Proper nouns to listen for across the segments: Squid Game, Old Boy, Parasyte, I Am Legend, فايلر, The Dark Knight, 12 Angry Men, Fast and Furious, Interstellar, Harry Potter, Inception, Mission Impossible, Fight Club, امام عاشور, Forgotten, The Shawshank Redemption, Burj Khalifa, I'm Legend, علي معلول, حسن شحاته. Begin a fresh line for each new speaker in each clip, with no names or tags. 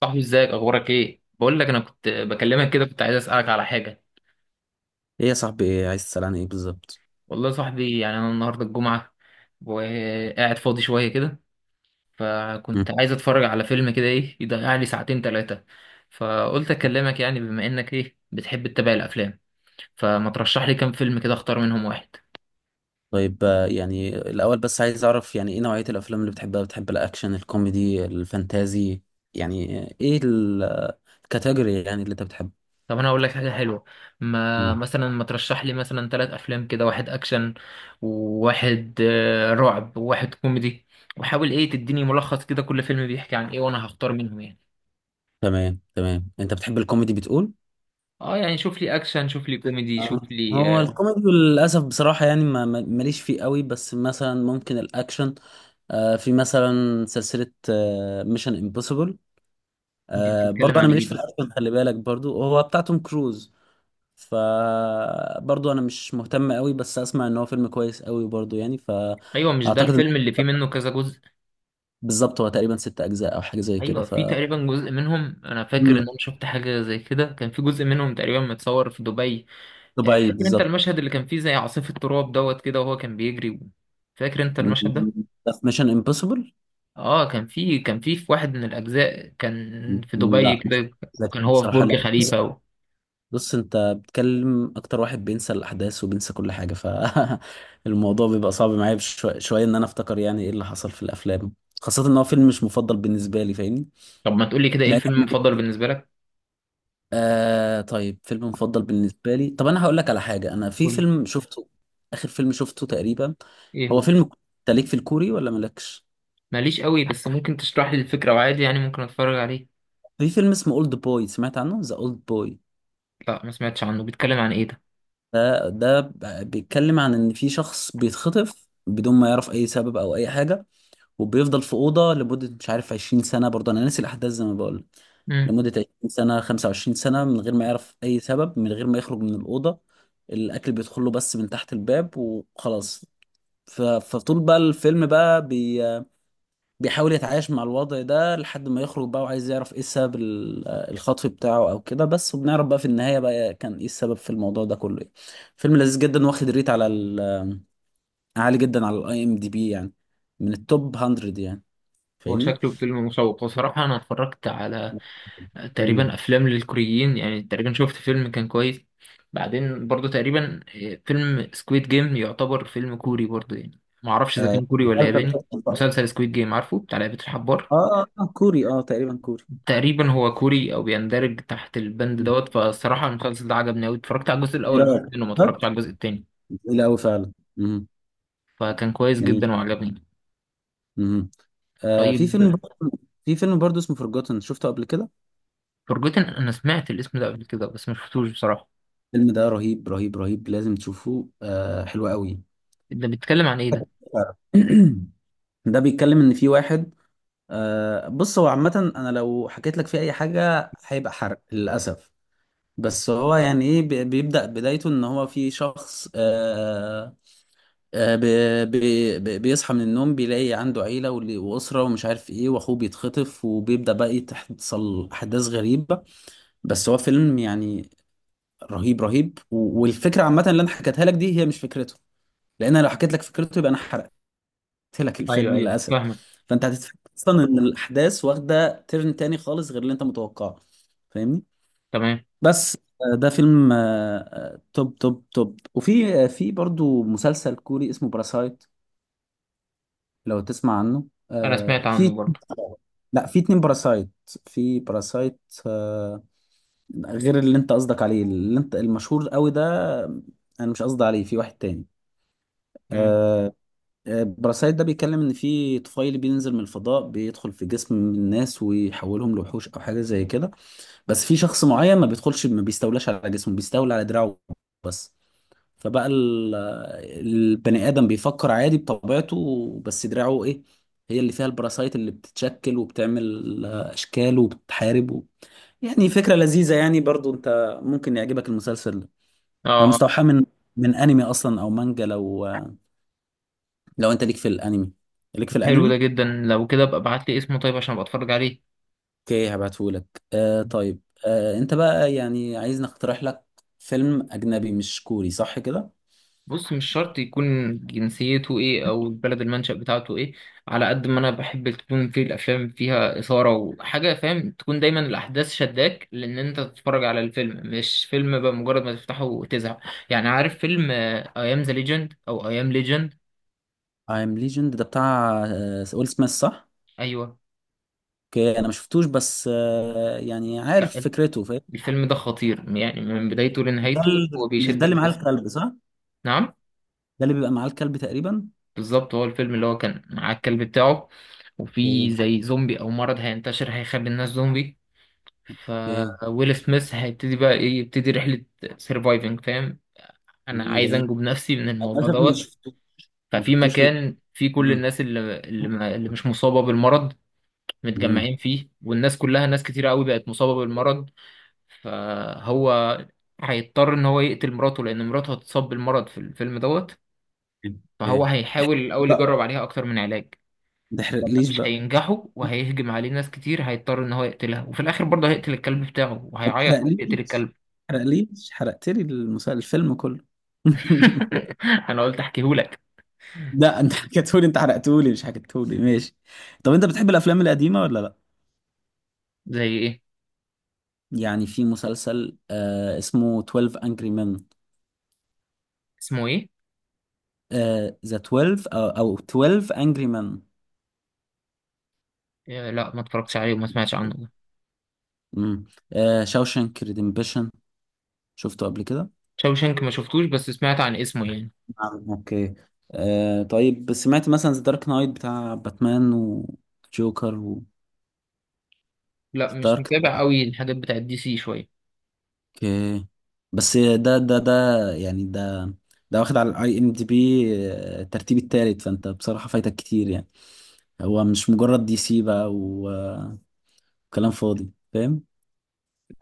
صاحبي، ازيك؟ اخبارك ايه؟ بقول لك انا كنت بكلمك كده، كنت عايز اسالك على حاجه.
ايه يا صاحبي، إيه عايز تسأل عن ايه بالظبط؟
والله يا صاحبي، يعني انا النهارده الجمعه وقاعد فاضي شويه كده،
مم.
فكنت عايز اتفرج على فيلم كده ايه يضيع لي ساعتين ثلاثه. فقلت اكلمك يعني بما انك ايه بتحب تتابع الافلام، فما ترشح لي كام فيلم كده اختار منهم واحد.
طيب يعني الاول بس عايز اعرف يعني ايه نوعية الافلام اللي بتحبها؟ بتحب الاكشن، الكوميدي، الفانتازي؟ يعني ايه الكاتيجوري يعني اللي انت بتحبه؟
طب انا هقول لك حاجه حلوه. ما
مم.
مثلا ما ترشح لي مثلا ثلاث افلام كده، واحد اكشن وواحد رعب وواحد كوميدي. وحاول ايه تديني ملخص كده كل فيلم بيحكي عن ايه، وانا هختار منهم يعني.
تمام تمام، انت بتحب الكوميدي بتقول؟
اه، يعني شوف لي اكشن، شوف لي كوميدي، شوف
آه.
لي
هو
آه،
الكوميدي للاسف بصراحة يعني ماليش فيه قوي، بس مثلا ممكن الاكشن. في مثلا سلسلة ميشن امبوسيبل.
دي بتتكلم
برضه انا
عن
ماليش
ايه
في
دي؟
الاكشن، خلي بالك، برضه هو بتاع توم كروز، فبرضه انا مش مهتم قوي، بس اسمع ان هو فيلم كويس قوي برضه، يعني
ايوه، مش ده
فاعتقد ان
الفيلم اللي فيه منه كذا جزء؟
بالظبط هو تقريبا ست اجزاء او حاجه زي كده.
ايوه،
ف
في تقريبا جزء منهم، انا فاكر
مم.
ان انا شفت حاجه زي كده، كان في جزء منهم تقريبا متصور في دبي.
دبي
فاكر انت
بالظبط.
المشهد اللي كان فيه زي عاصفه تراب دوت كده وهو كان بيجري؟ فاكر انت
مم.
المشهد ده؟
ده في ميشن امبوسيبل.
اه، كان في واحد من الاجزاء كان في دبي
لا مش.
كده.
لا،
وكان هو في
بصراحه
برج
لا. بص،
خليفه و.
بص، انت بتكلم اكتر واحد بينسى الاحداث وبينسى كل حاجه، فالموضوع بيبقى صعب معايا شويه ان انا افتكر يعني ايه اللي حصل في الافلام، خاصه ان هو فيلم مش مفضل بالنسبه لي، فاهمني.
طب ما تقولي كده، ايه
يعني
الفيلم المفضل بالنسبه لك؟
طيب، فيلم مفضل بالنسبة لي، طب أنا هقول لك على حاجة، أنا في
قولي.
فيلم شفته، آخر فيلم شفته تقريبا
ايه
هو
هو؟
فيلم أنت ليك في الكوري ولا مالكش؟
ماليش قوي، بس ممكن تشرح لي الفكره وعادي يعني ممكن اتفرج عليه.
في فيلم اسمه أولد بوي، سمعت عنه؟ ذا أولد بوي.
لا، ما سمعتش عنه. بيتكلم عن ايه ده؟
ده بيتكلم عن إن في شخص بيتخطف بدون ما يعرف أي سبب أو أي حاجة، وبيفضل في أوضة لمدة مش عارف 20 سنة، برضه أنا ناسي الأحداث زي ما بقول لك.
امم.
لمدة 20 سنة، 25 سنة، من غير ما يعرف أي سبب، من غير ما يخرج من الأوضة، الأكل بيدخله بس من تحت الباب وخلاص. فطول بقى الفيلم بقى بيحاول يتعايش مع الوضع ده لحد ما يخرج بقى، وعايز يعرف ايه سبب الخطف بتاعه او كده، بس وبنعرف بقى في النهاية بقى كان ايه السبب في الموضوع ده كله يعني. فيلم لذيذ جدا، واخد ريت على عالي جدا على الاي ام دي بي يعني، من التوب 100 يعني.
هو
فاهمني؟
شكله فيلم مشوق بصراحه، انا اتفرجت على
مم.
تقريبا افلام للكوريين يعني، تقريبا شفت فيلم كان كويس. بعدين برضو تقريبا فيلم سكويد جيم يعتبر فيلم كوري برضو يعني، ما اعرفش اذا كان كوري ولا
مسلسل
ياباني.
قصة بقى.
مسلسل سكويد جيم، عارفه، بتاع لعبه الحبار.
اه. اه، كوري، اه تقريبا كوري.
تقريبا هو كوري او بيندرج تحت البند
مم.
دوت. فالصراحه المسلسل ده عجبني قوي، اتفرجت على الجزء
ايه
الاول بس
رأيك؟
منه، ما اتفرجتش
عجبك؟
على الجزء التاني.
جميل قوي فعلا. مم.
فكان كويس
جميل.
جدا وعجبني.
مم. في
طيب.
فيلم برضه، في فيلم برضه اسمه فورجوتن، شفته قبل كده؟
فورجوتن، انا سمعت الاسم ده قبل كده بس ما شفتوش بصراحه.
الفيلم ده رهيب رهيب رهيب، لازم تشوفه، آه حلو قوي.
ده بيتكلم عن ايه ده؟
ده بيتكلم ان في واحد، بص هو عامة انا لو حكيت لك فيه اي حاجة هيبقى حرق للأسف، بس هو يعني ايه بيبدأ بدايته ان هو في شخص، بيصحى من النوم، بيلاقي عنده عيلة وأسرة ومش عارف ايه، واخوه بيتخطف، وبيبدأ بقى تحصل احداث غريبة. بس هو فيلم يعني رهيب رهيب، والفكرة عامة اللي انا حكيتها لك دي هي مش فكرته، لان انا لو حكيت لك فكرته يبقى انا حرقت لك
ايوه،
الفيلم
ايوه،
للاسف.
فاهمك.
فانت هتتفاجئ اصلا ان الاحداث واخده ترن تاني خالص غير اللي انت متوقعه، فاهمني.
تمام.
بس ده فيلم توب توب توب. وفي في برضو مسلسل كوري اسمه باراسايت، لو تسمع عنه.
انا سمعت
آه، في
عنه برضه.
لا، في اتنين باراسايت. في باراسايت آه، غير اللي انت قصدك عليه، اللي انت المشهور قوي ده، آه، انا مش قصدي عليه، في واحد تاني
مم.
آه، براسايت ده، بيتكلم ان في طفيلي بينزل من الفضاء، بيدخل في جسم الناس ويحولهم لوحوش او حاجه زي كده، بس في شخص معين ما بيدخلش، ما بيستولاش على جسمه، بيستولى على دراعه بس. فبقى ال- البني ادم بيفكر عادي بطبيعته، بس دراعه ايه، هي اللي فيها البراسايت اللي بتتشكل وبتعمل اشكال وبتحارب و... يعني فكره لذيذه، يعني برضو انت ممكن يعجبك المسلسل ده. هو
اه،
مستوحى من من انمي اصلا او مانجا، لو لو انت ليك في الانمي، ليك في
حلو ده
الانمي.
جدا، لو كده ابقى ابعت لي اسمه طيب عشان ابقى اتفرج عليه.
اوكي هبعتهولك. طيب، انت بقى يعني عايز نقترح لك فيلم اجنبي مش كوري صح كده.
بص، مش شرط يكون جنسيته ايه او البلد المنشأ بتاعته ايه. على قد ما انا بحب تكون في الافلام فيها اثاره وحاجه فاهم، تكون دايما الاحداث شداك لان انت تتفرج على الفيلم، مش فيلم بقى مجرد ما تفتحه وتزهق. يعني عارف فيلم اي ام ذا ليجند او اي ام ليجند؟
I'm Legend ده بتاع ويل سميث، صح؟
ايوه.
اوكي انا ما شفتوش، بس يعني عارف
لا،
فكرته، فاهم.
الفيلم ده خطير يعني، من بدايته لنهايته هو
مش ده
بيشدك
اللي معاه
بس.
الكلب صح؟
نعم.
ده اللي بيبقى معاه الكلب تقريبا.
بالظبط، هو الفيلم اللي هو كان مع الكلب بتاعه، وفي
اوكي.
زي زومبي او مرض هينتشر هيخلي الناس زومبي. ف
اوكي.
ويل سميث هيبتدي بقى ايه، يبتدي رحلة سيرفايفنج فاهم. انا
مم،
عايز
جميل.
انجو بنفسي من الموضوع
للاسف ما
دوت.
شفتوش، ما
ففي
شفتوش ال...
مكان فيه كل
مم.
الناس اللي مش مصابة بالمرض
مم.
متجمعين فيه، والناس كلها ناس كتير قوي بقت مصابة بالمرض. فهو هيضطر ان هو يقتل مراته لان مراته هتصاب بالمرض في الفيلم دوت. فهو
اوكي.
هيحاول الاول
ما
يجرب عليها اكتر من علاج. لما
تحرقليش
مش
بقى.
هينجحوا وهيهجم عليه ناس كتير، هيضطر ان هو يقتلها، وفي الاخر برضه هيقتل الكلب بتاعه
ما
وهيعيط وهو
تحرقليش،
بيقتل
ما
الكلب.
تحرقليش، حرقت لي المسل... الفيلم كله.
انا قلت احكيهولك.
لا انت حكيتهولي، انت حرقتهولي مش حكيتهولي، ماشي. طب انت بتحب الافلام القديمه ولا لا؟
زي ايه؟
يعني في مسلسل اسمه 12 Angry Men.
اسمه ايه؟
ذا 12، او او 12 Angry Men.
لا، ما اتفرجتش عليه وما سمعتش عنه ده.
امم، شاوشانك ريديمبشن، شفته قبل كده؟
شاوشانك ما شفتوش، بس سمعت عن اسمه يعني.
نعم، اوكي. طيب سمعت مثلا ذا دارك نايت بتاع باتمان وجوكر و
لا، مش
دارك؟
متابع قوي الحاجات بتاعت دي سي شويه.
اوكي بس ده يعني ده، ده واخد على الاي ام دي بي الترتيب التالت، فانت بصراحة فايتك كتير يعني. هو مش مجرد دي سي بقى وكلام فاضي، فاهم.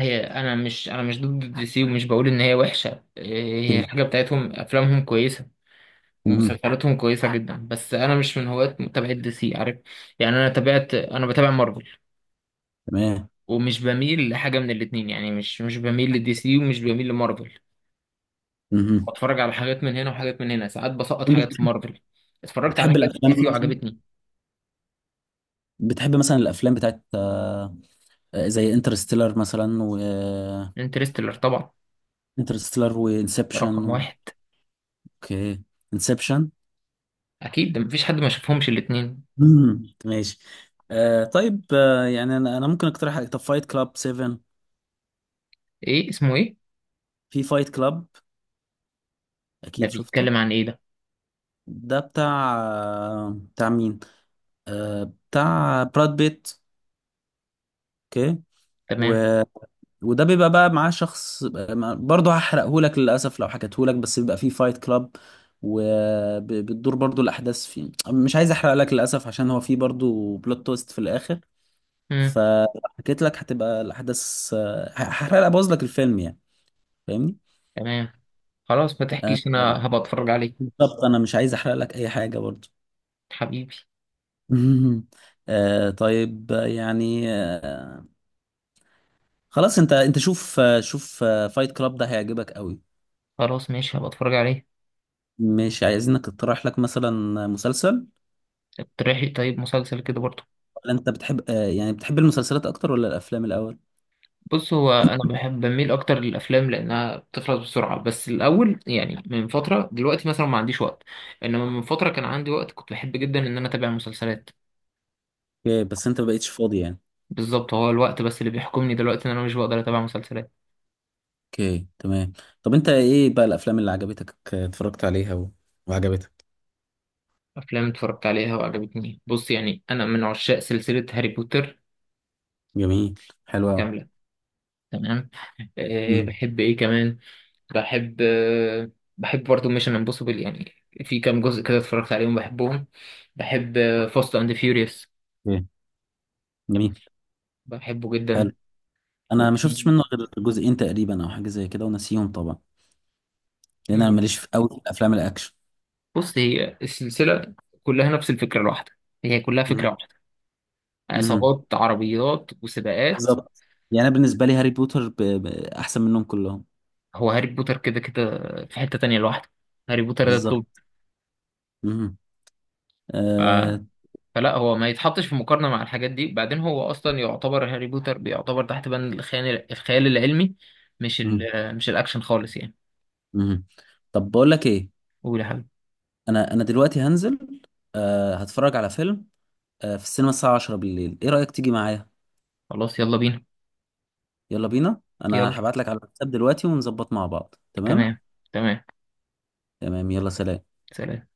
هي انا مش ضد دي سي ومش بقول ان هي وحشه. هي
اوكي.
الحاجه بتاعتهم افلامهم كويسه.
مهم.
ومسلسلاتهم كويسه جدا، بس انا مش من هواة متابعه دي سي عارف. يعني انا بتابع مارفل.
تمام.
ومش بميل لحاجه من الاتنين يعني، مش بميل لدي سي ومش بميل لمارفل.
مهم.
بتفرج على حاجات من هنا وحاجات من هنا، ساعات بسقط
وانت
حاجات في
بتحب،
مارفل. اتفرجت على
بتحب
حاجات في
الافلام
دي سي
مثلا،
وعجبتني.
بتحب مثلا الافلام بتاعت زي انترستيلر مثلا و
انترستيلر طبعا.
انترستيلر
ده رقم
وانسبشن.
واحد.
اوكي. انسبشن.
اكيد، ده مفيش حد ما شافهمش الاتنين.
ماشي. طيب، يعني انا، انا ممكن اقترح عليك- طب فايت كلاب 7.
ايه؟ اسمه ايه؟
في فايت كلاب،
ده
اكيد شفته.
بيتكلم عن ايه ده؟
ده بتاع، بتاع مين؟ آه، بتاع براد بيت. اوكي. و...
تمام.
وده بيبقى بقى معاه شخص، برضه هحرقهولك للاسف لو حكيتهولك، بس بيبقى فيه فايت كلاب، وبتدور برضه الاحداث فيه، مش عايز احرق لك للاسف عشان هو فيه برضه بلوت تويست في الاخر،
امم.
فحكيت لك هتبقى الاحداث هحرق ابوظ لك الفيلم يعني، فاهمني.
تمام. خلاص، ما
آه،
تحكيش، انا هبقى اتفرج عليه.
بالظبط، انا مش عايز احرق لك اي حاجه برضه.
حبيبي.
مهم. طيب خلاص، انت انت شوف شوف فايت كلاب ده هيعجبك قوي.
خلاص، ماشي، هبقى اتفرج عليه.
مش عايزينك اقترح لك مثلا مسلسل؟
اقترحي طيب مسلسل كده برضه.
ولا انت بتحب يعني بتحب المسلسلات اكتر ولا الافلام الاول؟
بص هو انا بحب بميل اكتر للافلام لانها بتخلص بسرعه، بس الاول يعني من فتره، دلوقتي مثلا ما عنديش وقت. انما من فتره كان عندي وقت، كنت بحب جدا ان انا اتابع مسلسلات.
اوكي، بس انت ما بقيتش فاضي يعني.
بالظبط، هو الوقت بس اللي بيحكمني دلوقتي ان انا مش بقدر اتابع مسلسلات.
اوكي تمام. طب انت ايه بقى الافلام اللي عجبتك اتفرجت عليها و... وعجبتك؟
افلام اتفرجت عليها وعجبتني، بص يعني انا من عشاق سلسله هاري بوتر
جميل. حلو قوي.
كامله. تمام. أه
مم.
بحب ايه كمان. بحب أه بحب برضه ميشن امبوسيبل يعني. في كام جزء كده اتفرجت عليهم بحبهم. بحب فاست اند فيوريوس.
اوكي. جميل.
بحبه
حلو.
جدا.
انا ما شفتش
وفي
منه غير جزئين تقريبا او حاجه زي كده، وناسيهم طبعا. لان انا
مم.
ماليش في قوي في الافلام الاكشن.
بص هي السلسلة كلها نفس الفكرة الواحدة. هي كلها
مم.
فكرة واحدة.
مم.
عصابات، عربيات، وسباقات.
بالظبط. يعني انا بالنسبه لي هاري بوتر ب... ب... احسن منهم كلهم.
هو هاري بوتر كده كده في حتة تانية لوحده. هاري بوتر ده
بالظبط.
التوب.
مهم. آه...
آه، فلا هو ما يتحطش في مقارنة مع الحاجات دي، بعدين هو أصلا يعتبر هاري بوتر بيعتبر تحت بند الخيال العلمي. مش ال
مهم.
مش الأكشن خالص يعني.
مهم. طب بقول لك ايه،
قول يا حبيبي.
انا انا دلوقتي هنزل آه... هتفرج على فيلم آه... في السينما الساعه 10 بالليل، ايه رايك تيجي معايا؟
خلاص، يلا بينا.
يلا بينا.
يلا.
انا هبعت لك على الواتساب دلوقتي ونظبط مع بعض، تمام.
تمام. تمام.
تمام. يلا سلام.
سلام.